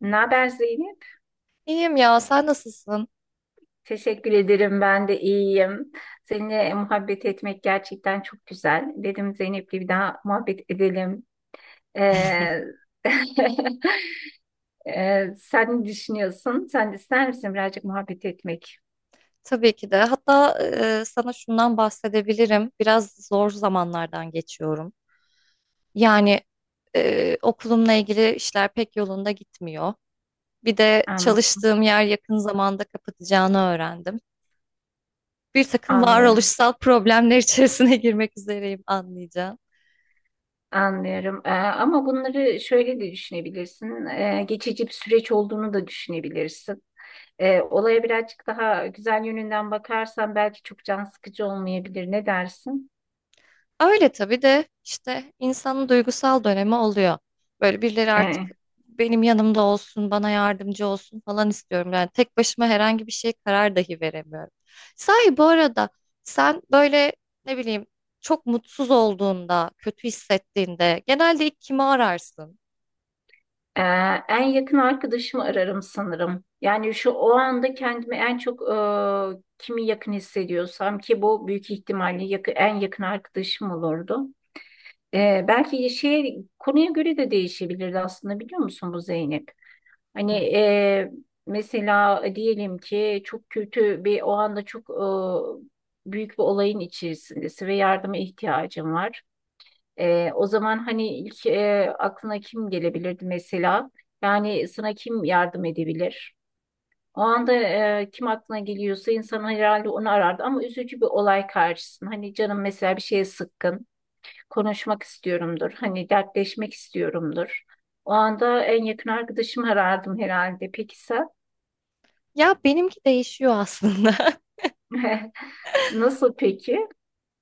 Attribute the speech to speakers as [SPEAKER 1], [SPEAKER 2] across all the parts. [SPEAKER 1] Ne haber Zeynep?
[SPEAKER 2] İyiyim ya, sen nasılsın?
[SPEAKER 1] Teşekkür ederim. Ben de iyiyim. Seninle muhabbet etmek gerçekten çok güzel. Dedim Zeynep'le bir daha muhabbet edelim. Ee, sen ne düşünüyorsun? Sen de ister misin birazcık muhabbet etmek?
[SPEAKER 2] Tabii ki de. Hatta sana şundan bahsedebilirim. Biraz zor zamanlardan geçiyorum. Yani okulumla ilgili işler pek yolunda gitmiyor. Bir de
[SPEAKER 1] An-
[SPEAKER 2] çalıştığım yer yakın zamanda kapatacağını öğrendim. Bir takım
[SPEAKER 1] Anlıyorum.
[SPEAKER 2] varoluşsal problemler içerisine girmek üzereyim anlayacağım.
[SPEAKER 1] Anlıyorum. Ama bunları şöyle de düşünebilirsin. Geçici bir süreç olduğunu da düşünebilirsin. Olaya birazcık daha güzel yönünden bakarsan belki çok can sıkıcı olmayabilir. Ne dersin?
[SPEAKER 2] Öyle tabii de işte insanın duygusal dönemi oluyor. Böyle birileri artık
[SPEAKER 1] Ee,
[SPEAKER 2] benim yanımda olsun, bana yardımcı olsun falan istiyorum. Yani tek başıma herhangi bir şey karar dahi veremiyorum. Sahi bu arada sen böyle ne bileyim çok mutsuz olduğunda, kötü hissettiğinde genelde ilk kimi ararsın?
[SPEAKER 1] Ee, En yakın arkadaşımı ararım sanırım. Yani şu o anda kendimi en çok kimi yakın hissediyorsam ki bu büyük ihtimalle en yakın arkadaşım olurdu. Belki şey konuya göre de değişebilirdi aslında, biliyor musun bu Zeynep? Hani
[SPEAKER 2] Hmm.
[SPEAKER 1] mesela diyelim ki çok kötü bir o anda çok büyük bir olayın içerisindesin ve yardıma ihtiyacın var. O zaman hani ilk aklına kim gelebilirdi mesela? Yani sana kim yardım edebilir? O anda kim aklına geliyorsa insan herhalde onu arardı, ama üzücü bir olay karşısında. Hani canım mesela bir şeye sıkkın, konuşmak istiyorumdur, hani dertleşmek istiyorumdur. O anda en yakın arkadaşımı arardım herhalde. Peki sen?
[SPEAKER 2] Ya benimki değişiyor aslında.
[SPEAKER 1] Nasıl peki?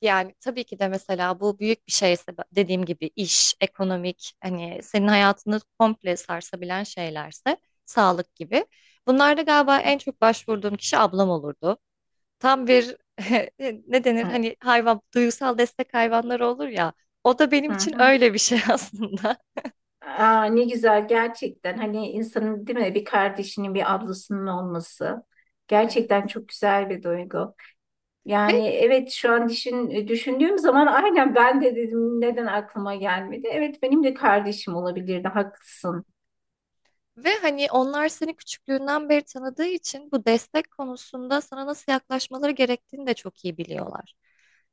[SPEAKER 2] Yani tabii ki de mesela bu büyük bir şeyse dediğim gibi iş, ekonomik hani senin hayatını komple sarsabilen şeylerse sağlık gibi. Bunlarda galiba en çok başvurduğum kişi ablam olurdu. Tam bir ne denir hani hayvan duygusal destek hayvanları olur ya o da benim
[SPEAKER 1] Hı
[SPEAKER 2] için
[SPEAKER 1] hı.
[SPEAKER 2] öyle bir şey aslında.
[SPEAKER 1] Aa, ne güzel gerçekten, hani insanın değil mi bir kardeşinin bir ablasının olması
[SPEAKER 2] Evet.
[SPEAKER 1] gerçekten çok güzel bir duygu.
[SPEAKER 2] Ve
[SPEAKER 1] Yani evet şu an düşündüğüm zaman, aynen ben de dedim neden aklıma gelmedi. Evet benim de kardeşim olabilirdi, haklısın.
[SPEAKER 2] ve hani onlar seni küçüklüğünden beri tanıdığı için bu destek konusunda sana nasıl yaklaşmaları gerektiğini de çok iyi biliyorlar.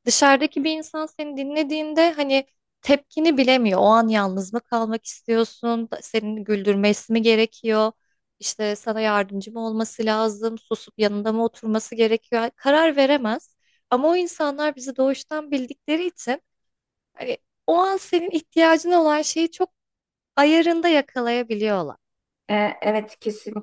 [SPEAKER 2] Dışarıdaki bir insan seni dinlediğinde hani tepkini bilemiyor. O an yalnız mı kalmak istiyorsun? Senin güldürmesi mi gerekiyor? İşte sana yardımcı mı olması lazım? Susup yanında mı oturması gerekiyor? Karar veremez. Ama o insanlar bizi doğuştan bildikleri için hani o an senin ihtiyacın olan şeyi çok ayarında yakalayabiliyorlar.
[SPEAKER 1] Evet kesin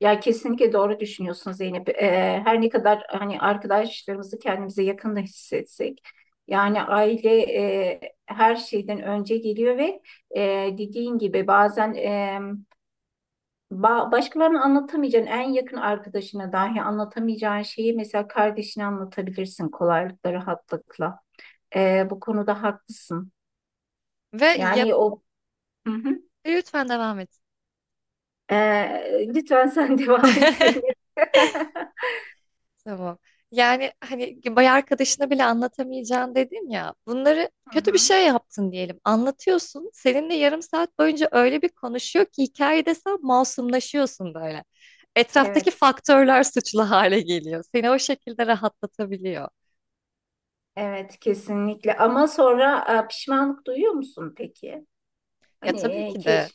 [SPEAKER 1] ya, kesinlikle doğru düşünüyorsun Zeynep. Her ne kadar hani arkadaşlarımızı kendimize yakın da hissetsek, yani aile her şeyden önce geliyor ve e, dediğin gibi bazen başkalarına anlatamayacağın, en yakın arkadaşına dahi anlatamayacağın şeyi mesela kardeşine anlatabilirsin kolaylıkla, rahatlıkla. Bu konuda haklısın.
[SPEAKER 2] Ve yap
[SPEAKER 1] Yani o. Hı hı.
[SPEAKER 2] Lütfen devam et.
[SPEAKER 1] Lütfen sen devam etseydin.
[SPEAKER 2] Tamam. Yani hani bay arkadaşına bile anlatamayacağın dedim ya. Bunları
[SPEAKER 1] Hı
[SPEAKER 2] kötü bir
[SPEAKER 1] hı.
[SPEAKER 2] şey yaptın diyelim. Anlatıyorsun. Seninle yarım saat boyunca öyle bir konuşuyor ki hikayede sen masumlaşıyorsun böyle. Etraftaki
[SPEAKER 1] Evet,
[SPEAKER 2] faktörler suçlu hale geliyor. Seni o şekilde rahatlatabiliyor.
[SPEAKER 1] evet kesinlikle. Ama sonra pişmanlık duyuyor musun peki?
[SPEAKER 2] Ya
[SPEAKER 1] Hani
[SPEAKER 2] tabii ki de.
[SPEAKER 1] keşke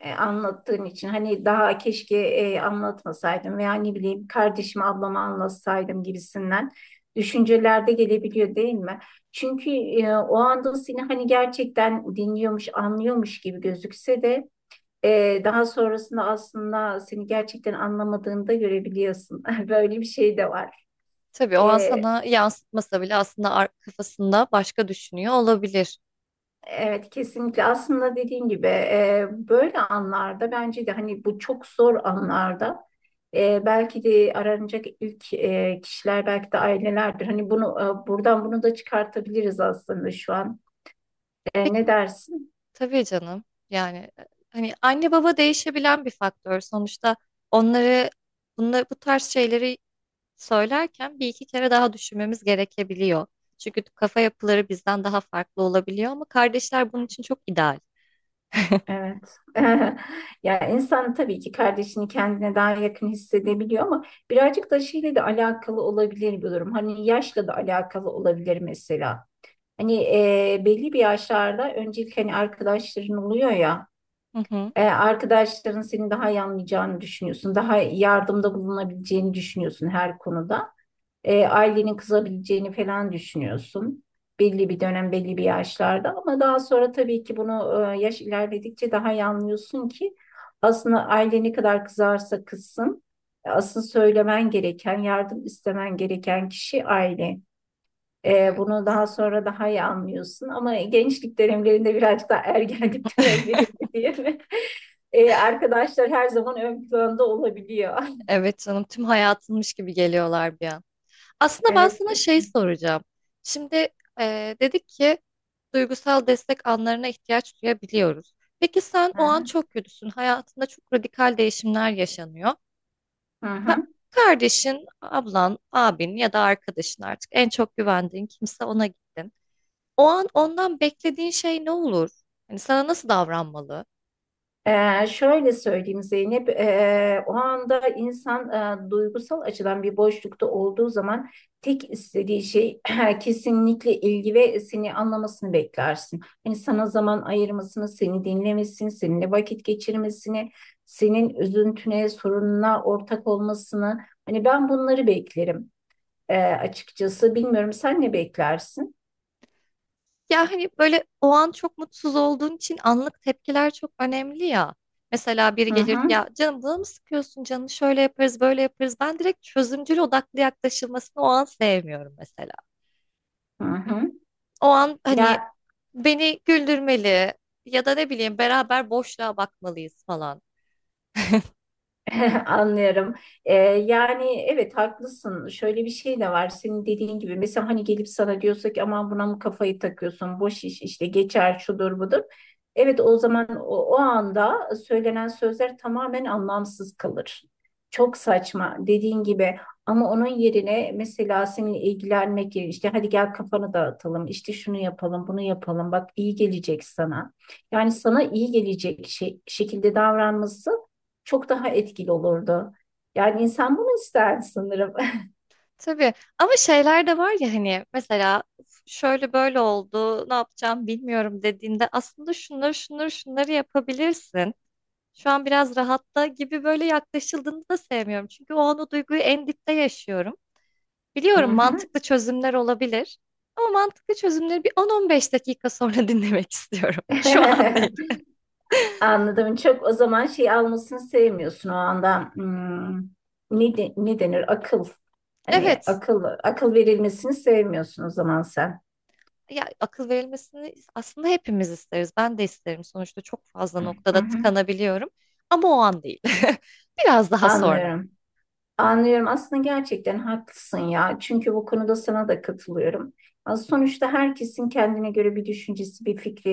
[SPEAKER 1] anlattığın için, hani daha keşke anlatmasaydım veya ne bileyim kardeşim ablama anlatsaydım gibisinden düşüncelerde gelebiliyor değil mi? Çünkü o anda seni hani gerçekten dinliyormuş, anlıyormuş gibi gözükse de daha sonrasında aslında seni gerçekten anlamadığını da görebiliyorsun. Böyle bir şey de var.
[SPEAKER 2] Tabii o an
[SPEAKER 1] E,
[SPEAKER 2] sana yansıtmasa bile aslında kafasında başka düşünüyor olabilir.
[SPEAKER 1] Evet kesinlikle, aslında dediğin gibi böyle anlarda bence de, hani bu çok zor anlarda belki de aranacak ilk kişiler belki de ailelerdir. Hani bunu buradan bunu da çıkartabiliriz aslında şu an. Ne dersin?
[SPEAKER 2] Tabii canım. Yani hani anne baba değişebilen bir faktör. Sonuçta onları bunları bu tarz şeyleri söylerken bir iki kere daha düşünmemiz gerekebiliyor. Çünkü kafa yapıları bizden daha farklı olabiliyor ama kardeşler bunun için çok ideal.
[SPEAKER 1] Evet. Ya insan tabii ki kardeşini kendine daha yakın hissedebiliyor, ama birazcık da şeyle de alakalı olabilir bir durum. Hani yaşla da alakalı olabilir mesela. Hani belli bir yaşlarda öncelik hani arkadaşların oluyor ya,
[SPEAKER 2] Hı hı.
[SPEAKER 1] arkadaşların seni daha iyi anlayacağını düşünüyorsun. Daha yardımda bulunabileceğini düşünüyorsun her konuda. Ailenin kızabileceğini falan düşünüyorsun. Belli bir dönem, belli bir yaşlarda, ama daha sonra tabii ki bunu yaş ilerledikçe daha iyi anlıyorsun ki aslında aile ne kadar kızarsa kızsın, asıl söylemen gereken, yardım istemen gereken kişi aile.
[SPEAKER 2] Evet.
[SPEAKER 1] Bunu daha sonra daha iyi anlıyorsun ama gençlik dönemlerinde, birazcık daha ergenlik dönemlerinde diye mi? Arkadaşlar her zaman ön planda olabiliyor.
[SPEAKER 2] Evet canım tüm hayatınmış gibi geliyorlar bir an. Aslında ben
[SPEAKER 1] Evet
[SPEAKER 2] sana şey
[SPEAKER 1] kesin.
[SPEAKER 2] soracağım. Şimdi dedik ki duygusal destek anlarına ihtiyaç duyabiliyoruz. Peki sen
[SPEAKER 1] Hı
[SPEAKER 2] o an
[SPEAKER 1] hı.
[SPEAKER 2] çok kötüsün. Hayatında çok radikal değişimler yaşanıyor.
[SPEAKER 1] Hı
[SPEAKER 2] Ka-
[SPEAKER 1] hı.
[SPEAKER 2] kardeşin, ablan, abin ya da arkadaşın artık en çok güvendiğin kimse ona gittin. O an ondan beklediğin şey ne olur? Hani sana nasıl davranmalı?
[SPEAKER 1] Şöyle söyleyeyim Zeynep, o anda insan duygusal açıdan bir boşlukta olduğu zaman tek istediği şey kesinlikle ilgi ve seni anlamasını beklersin. Hani sana zaman ayırmasını, seni dinlemesini, seninle vakit geçirmesini, senin üzüntüne, sorununa ortak olmasını. Hani ben bunları beklerim açıkçası. Bilmiyorum, sen ne beklersin?
[SPEAKER 2] Ya hani böyle o an çok mutsuz olduğun için anlık tepkiler çok önemli ya. Mesela biri
[SPEAKER 1] Hı
[SPEAKER 2] gelir
[SPEAKER 1] hı,
[SPEAKER 2] ya canım bunu mı sıkıyorsun canım şöyle yaparız böyle yaparız. Ben direkt çözümcül odaklı yaklaşılmasını o an sevmiyorum mesela.
[SPEAKER 1] hı hı.
[SPEAKER 2] O an hani
[SPEAKER 1] Ya,
[SPEAKER 2] beni güldürmeli ya da ne bileyim beraber boşluğa bakmalıyız falan.
[SPEAKER 1] anlıyorum. Yani evet haklısın. Şöyle bir şey de var. Senin dediğin gibi mesela hani gelip sana diyorsak ki aman buna mı kafayı takıyorsun? Boş iş işte, geçer, şudur budur. Evet, o zaman o anda söylenen sözler tamamen anlamsız kalır. Çok saçma dediğin gibi, ama onun yerine mesela seninle ilgilenmek yerine işte hadi gel kafanı dağıtalım, işte şunu yapalım bunu yapalım, bak iyi gelecek sana. Yani sana iyi gelecek şekilde davranması çok daha etkili olurdu. Yani insan bunu ister sanırım.
[SPEAKER 2] Tabii ama şeyler de var ya hani mesela "Uf, şöyle böyle oldu ne yapacağım bilmiyorum dediğinde aslında şunları şunları şunları yapabilirsin. Şu an biraz rahatta gibi böyle yaklaşıldığını da sevmiyorum. Çünkü o an o duyguyu en dipte yaşıyorum.
[SPEAKER 1] Hı
[SPEAKER 2] Biliyorum
[SPEAKER 1] hı.
[SPEAKER 2] mantıklı çözümler olabilir. Ama mantıklı çözümleri bir 10-15 dakika sonra dinlemek istiyorum. Şu an değil.
[SPEAKER 1] Anladım. Çok o zaman şey almasını sevmiyorsun o anda. Hmm, ne denir? Akıl. Hani
[SPEAKER 2] Evet.
[SPEAKER 1] akıl verilmesini sevmiyorsun o zaman sen.
[SPEAKER 2] Ya akıl verilmesini aslında hepimiz isteriz. Ben de isterim. Sonuçta çok fazla
[SPEAKER 1] Hı
[SPEAKER 2] noktada
[SPEAKER 1] hı.
[SPEAKER 2] tıkanabiliyorum. Ama o an değil. Biraz daha sonra.
[SPEAKER 1] Anlıyorum. Anlıyorum. Aslında gerçekten haklısın ya. Çünkü bu konuda sana da katılıyorum. Az sonuçta herkesin kendine göre bir düşüncesi, bir fikri,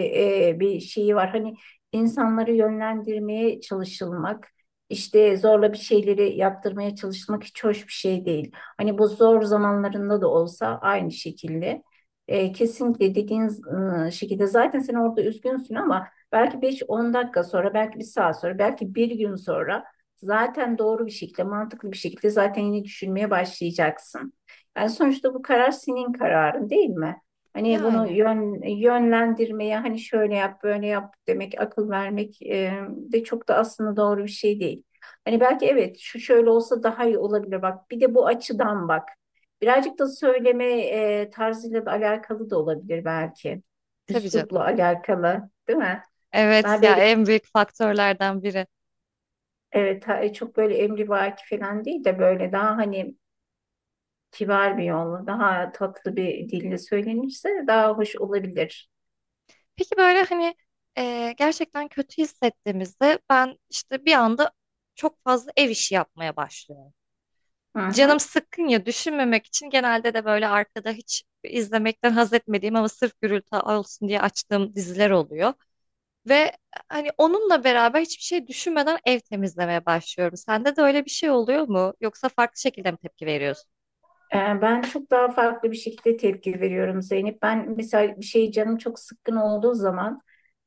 [SPEAKER 1] bir şeyi var. Hani insanları yönlendirmeye çalışılmak, işte zorla bir şeyleri yaptırmaya çalışmak hiç hoş bir şey değil. Hani bu zor zamanlarında da olsa aynı şekilde. Kesinlikle dediğin şekilde, zaten sen orada üzgünsün ama belki 5-10 dakika sonra, belki bir saat sonra, belki bir gün sonra zaten doğru bir şekilde, mantıklı bir şekilde zaten yine düşünmeye başlayacaksın. Yani sonuçta bu karar senin kararın değil mi? Hani bunu
[SPEAKER 2] Yani
[SPEAKER 1] yönlendirmeye, hani şöyle yap, böyle yap demek, akıl vermek de çok da aslında doğru bir şey değil. Hani belki evet şu şöyle olsa daha iyi olabilir bak. Bir de bu açıdan bak. Birazcık da söyleme tarzıyla da alakalı da olabilir belki.
[SPEAKER 2] tabii
[SPEAKER 1] Üslupla
[SPEAKER 2] canım.
[SPEAKER 1] alakalı, değil mi?
[SPEAKER 2] Evet
[SPEAKER 1] Daha
[SPEAKER 2] ya
[SPEAKER 1] böyle.
[SPEAKER 2] en büyük faktörlerden biri.
[SPEAKER 1] Evet, çok böyle emrivaki falan değil de böyle daha hani kibar bir yolla, daha tatlı bir dille söylenirse daha hoş olabilir.
[SPEAKER 2] Peki böyle hani gerçekten kötü hissettiğimizde ben işte bir anda çok fazla ev işi yapmaya başlıyorum.
[SPEAKER 1] Hı hı.
[SPEAKER 2] Canım sıkkın ya düşünmemek için genelde de böyle arkada hiç izlemekten haz etmediğim ama sırf gürültü olsun diye açtığım diziler oluyor. Ve hani onunla beraber hiçbir şey düşünmeden ev temizlemeye başlıyorum. Sende de öyle bir şey oluyor mu? Yoksa farklı şekilde mi tepki veriyorsun?
[SPEAKER 1] Ben çok daha farklı bir şekilde tepki veriyorum Zeynep. Ben mesela bir şey canım çok sıkkın olduğu zaman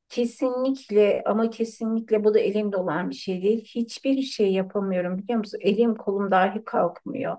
[SPEAKER 1] kesinlikle, ama kesinlikle bu da elimde olan bir şey değil. Hiçbir şey yapamıyorum, biliyor musun? Elim kolum dahi kalkmıyor.